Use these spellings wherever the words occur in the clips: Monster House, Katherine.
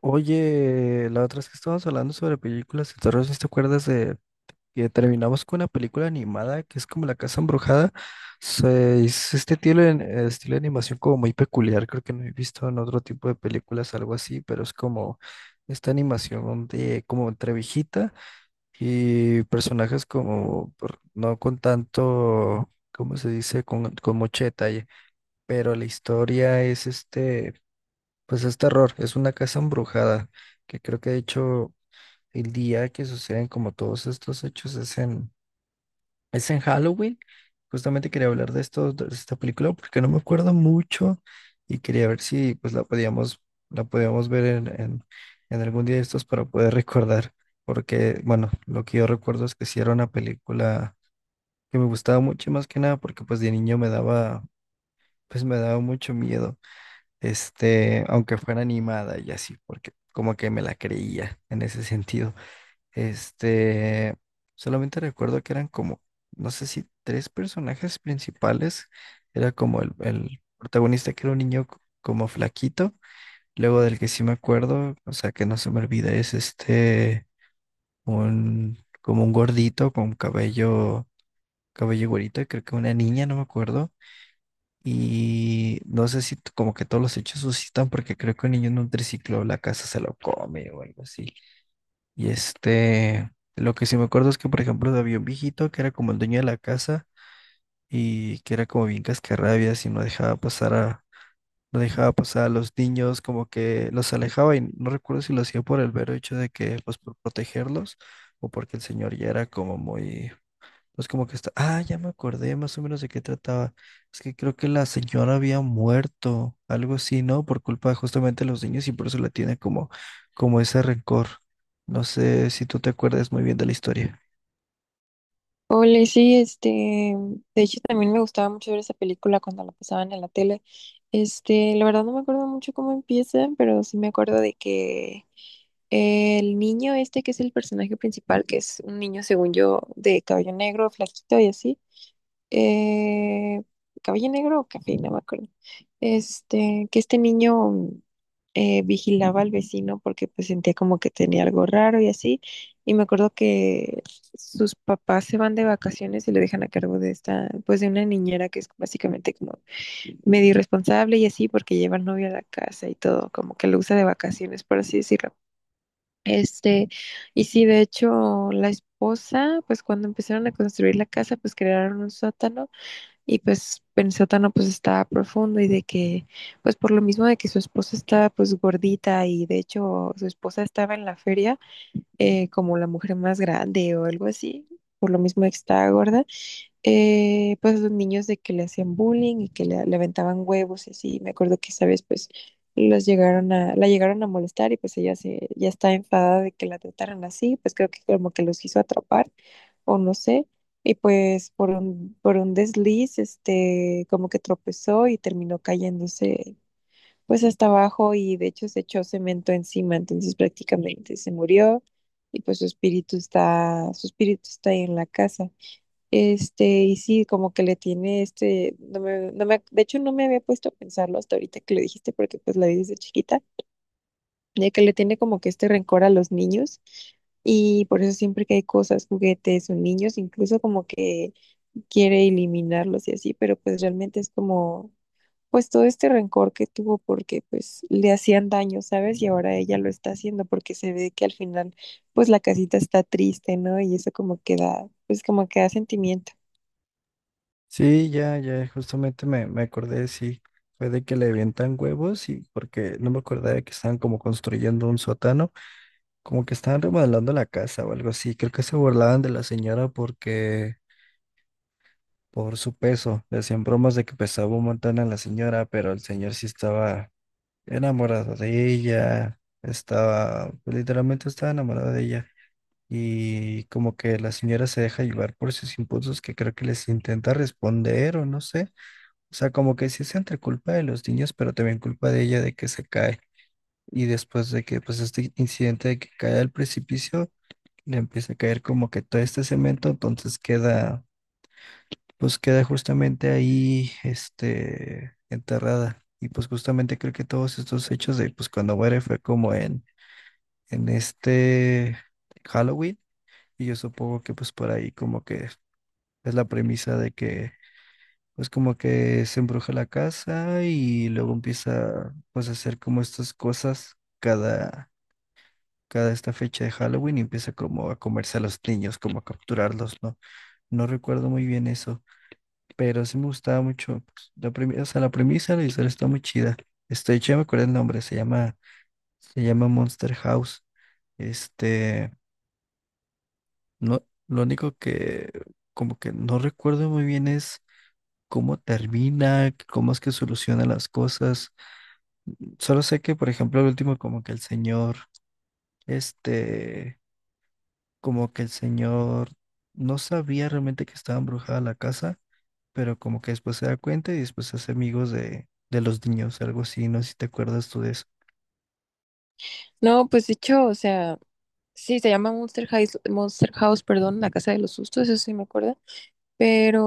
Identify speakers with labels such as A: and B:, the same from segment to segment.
A: Oye, la otra es que estábamos hablando sobre películas de terror, ¿sí? ¿Te acuerdas de que terminamos con una película animada que es como La Casa Embrujada? Es estilo, estilo de animación como muy peculiar, creo que no he visto en otro tipo de películas algo así, pero es como esta animación de como entre viejita y personajes no con tanto, ¿cómo se dice? Con mucho detalle, pero la historia es pues es terror, es una casa embrujada, que creo que de hecho el día que suceden como todos estos hechos es en Halloween. Justamente quería hablar de esto, de esta película, porque no me acuerdo mucho y quería ver si pues la podíamos ver en algún día de estos para poder recordar, porque bueno, lo que yo recuerdo es que sí era una película que me gustaba mucho y más que nada porque pues de niño me daba, pues me daba mucho miedo este, aunque fuera animada y así, porque como que me la creía en ese sentido. Este, solamente recuerdo que eran como, no sé si tres personajes principales, era como el protagonista que era un como flaquito, luego del que sí me acuerdo, o sea, que no se me olvida, es este, un, como un gordito con cabello güerito, y creo que una niña, no me acuerdo. Y no sé si t- como que todos los hechos suscitan porque creo que un niño en un triciclo la casa se lo come o algo así. Y este, lo que sí me acuerdo es que por ejemplo había un viejito que era como el dueño de la casa y que era como bien cascarrabias y no dejaba pasar a los niños, como que los alejaba y no recuerdo si lo hacía por el vero hecho de que pues por protegerlos o porque el señor ya era como muy pues como que está, ah, ya me acordé más o menos de qué trataba. Es que creo que la señora había muerto, algo así, ¿no? Por culpa justamente de los niños y por eso la tiene como ese rencor. No sé si tú te acuerdas muy bien de la historia.
B: Ole, sí, este, de hecho también me gustaba mucho ver esa película cuando la pasaban en la tele. Este, la verdad no me acuerdo mucho cómo empieza, pero sí me acuerdo de que el niño este que es el personaje principal, que es un niño según yo de cabello negro, flaquito y así, eh, Caballo Negro o Café, no me acuerdo. Este, que este niño vigilaba al vecino porque pues sentía como que tenía algo raro y así. Y me acuerdo que sus papás se van de vacaciones y lo dejan a cargo de esta, pues de una niñera que es básicamente como medio irresponsable y así porque lleva al novio a la casa y todo, como que lo usa de vacaciones, por así decirlo. Este, y sí, de hecho, la esposa, pues cuando empezaron a construir la casa, pues crearon un sótano y pues Pensótano pues estaba profundo y de que, pues por lo mismo de que su esposa estaba pues gordita y de hecho su esposa estaba en la feria como la mujer más grande o algo así, por lo mismo de que estaba gorda, pues los niños de que le hacían bullying y que le aventaban huevos y así. Me acuerdo que esa vez pues la llegaron a molestar y pues ya está enfadada de que la trataran así, pues creo que como que los quiso atrapar o no sé. Y pues por un desliz, este, como que tropezó y terminó cayéndose pues hasta abajo y de hecho se echó cemento encima, entonces prácticamente se murió y pues su espíritu está ahí en la casa. Este, y sí, como que le tiene este, de hecho no me había puesto a pensarlo hasta ahorita que lo dijiste, porque pues la vi desde chiquita, de que le tiene como que este rencor a los niños, y por eso siempre que hay cosas, juguetes o niños, incluso como que quiere eliminarlos y así, pero pues realmente es como, pues todo este rencor que tuvo porque pues le hacían daño, ¿sabes? Y ahora ella lo está haciendo porque se ve que al final pues la casita está triste, ¿no? Y eso como que da, pues como que da sentimientos.
A: Sí, ya, ya, justamente me acordé, sí, fue de que le avientan huevos y porque no me acordaba de que estaban como construyendo un sótano, como que estaban remodelando la casa o algo así, creo que se burlaban de la señora porque por su peso. Le hacían bromas de que pesaba un montón a la señora, pero el señor sí estaba enamorado de ella, estaba, pues, literalmente estaba enamorado de ella. Y como que la señora se deja llevar por sus impulsos que creo que les intenta responder o no sé. O sea, como que sí es entre culpa de los niños, pero también culpa de ella de que se cae. Y después de que, pues, este incidente de que cae al precipicio, le empieza a caer como que todo este cemento, entonces queda pues queda justamente ahí, este, enterrada. Y pues justamente creo que todos estos hechos de, pues cuando muere fue como en este Halloween. Y yo supongo que pues por ahí como que es la premisa de que, pues como que se embruja la casa y luego empieza pues a hacer como estas cosas cada... cada esta fecha de Halloween y empieza como a comerse a los niños, como a capturarlos, ¿no? No recuerdo muy bien eso, pero sí me gustaba mucho. Pues, la premisa, o sea, la premisa de la historia está muy chida. Este, yo ya me acuerdo el nombre, se llama Monster House. Este, no, lo único que como que no recuerdo muy bien es cómo termina, cómo es que soluciona las cosas. Solo sé que, por ejemplo, el último como que el señor, este, como que el señor no sabía realmente que estaba embrujada la casa pero como que después se da cuenta y después se hace amigos de los niños, algo así, no sé si te acuerdas tú de eso.
B: No, pues de hecho, o sea, sí, se llama perdón, la casa de los sustos, eso sí me acuerdo. Pero,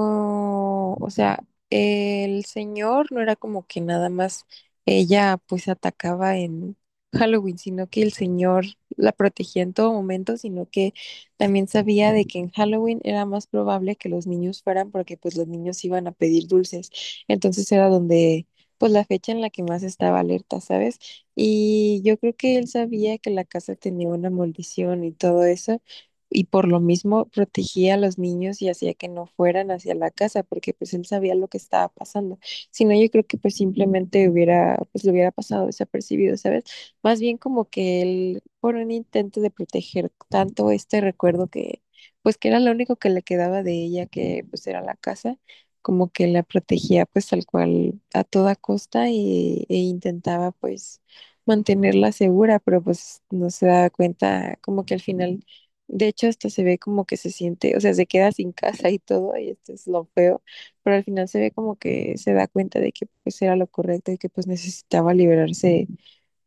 B: o sea, el señor no era como que nada más ella pues atacaba en Halloween, sino que el señor la protegía en todo momento, sino que también sabía de que en Halloween era más probable que los niños fueran porque pues los niños iban a pedir dulces. Entonces era donde pues la fecha en la que más estaba alerta, ¿sabes? Y yo creo que él sabía que la casa tenía una maldición y todo eso y por lo mismo protegía a los niños y hacía que no fueran hacia la casa porque pues él sabía lo que estaba pasando. Si no, yo creo que pues simplemente hubiera, pues lo hubiera pasado desapercibido, ¿sabes? Más bien como que él, por un intento de proteger tanto este recuerdo que pues que era lo único que le quedaba de ella, que pues era la casa, como que la protegía pues tal cual a toda costa e intentaba pues mantenerla segura, pero pues no se daba cuenta como que al final de hecho, hasta se ve como que se siente, o sea, se queda sin casa y todo, y esto es lo feo, pero al final se ve como que se da cuenta de que pues era lo correcto y que pues necesitaba liberarse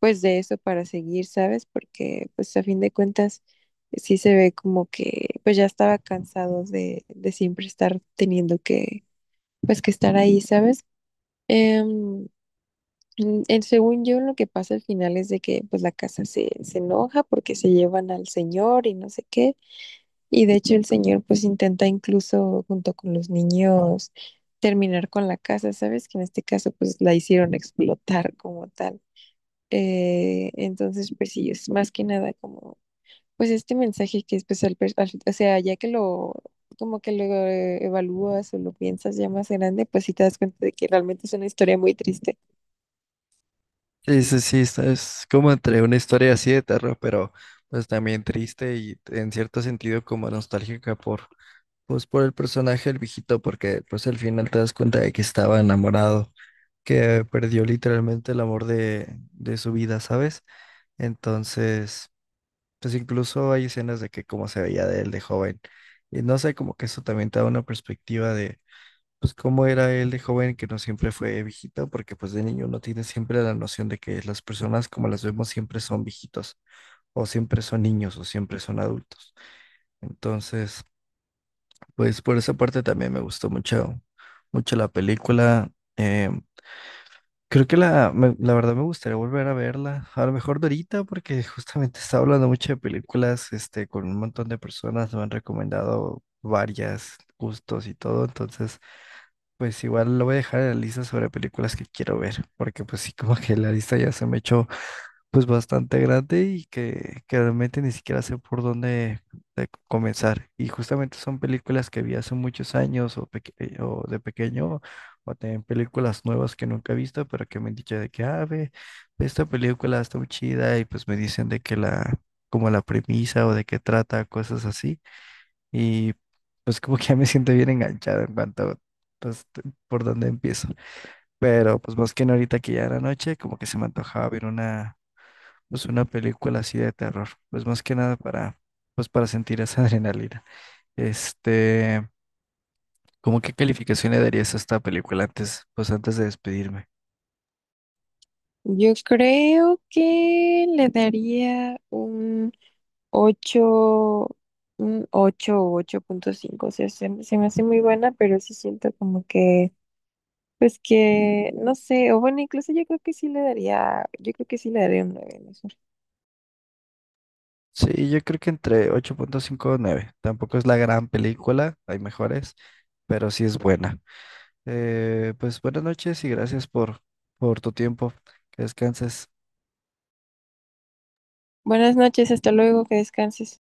B: pues de eso para seguir, ¿sabes? Porque pues a fin de cuentas sí se ve como que pues ya estaba cansado de siempre estar teniendo que pues que estar ahí, ¿sabes? Em, Según yo, lo que pasa al final es de que pues se enoja porque se llevan al señor y no sé qué. Y de hecho el señor pues intenta incluso junto con los niños terminar con la casa, ¿sabes? Que en este caso pues la hicieron explotar como tal. Entonces pues sí, es más que nada como pues este mensaje que es pues o sea, ya que lo como que lo evalúas o lo piensas ya más grande, pues sí te das cuenta de que realmente es una historia muy triste.
A: Sí, sí, sí, es como entre una historia así de terror, pero pues también triste y en cierto sentido como nostálgica por, pues por el personaje del viejito, porque pues al final te das cuenta de que estaba enamorado, que perdió literalmente el amor de su vida, ¿sabes? Entonces, pues incluso hay escenas de que cómo se veía de él de joven. Y no sé, como que eso también te da una perspectiva de pues cómo era él de joven, que no siempre fue viejito, porque pues de niño uno tiene siempre la noción de que las personas como las vemos siempre son viejitos, o siempre son niños, o siempre son adultos. Entonces, pues por esa parte también me gustó mucho, mucho la película. Eh, creo que la verdad me gustaría volver a verla, a lo mejor de ahorita, porque justamente estaba hablando mucho de películas, este, con un montón de personas, me han recomendado varias gustos y todo, entonces... Pues igual lo voy a dejar en la lista sobre películas que quiero ver, porque pues sí, como que la lista ya se me echó pues bastante grande que realmente ni siquiera sé por dónde de comenzar. Y justamente son películas que vi hace muchos años o, o de pequeño, o también películas nuevas que nunca he visto, pero que me han dicho de que, ah, ve, ve esta película está muy chida y pues me dicen de que la, como la premisa o de qué trata, cosas así. Y pues como que ya me siento bien enganchado en cuanto, pues, t- por dónde empiezo. Pero pues más que nada ahorita que ya era noche, como que se me antojaba ver una, pues una película así de terror. Pues más que nada para, pues para sentir esa adrenalina. Este, ¿cómo qué calificación le darías a esta película antes, pues antes de despedirme?
B: Yo creo que le daría un 8, 8 o 8,5, o sea, se me hace muy buena, pero sí siento como que, pues que, no sé, o bueno, incluso yo creo que sí le daría, yo creo que sí le daría un 9, mejor.
A: Sí, yo creo que entre 8.5 o nueve. Tampoco es la gran película, hay mejores, pero sí es buena. Pues buenas noches y gracias por tu tiempo. Que descanses.
B: Buenas noches, hasta luego, que descanses.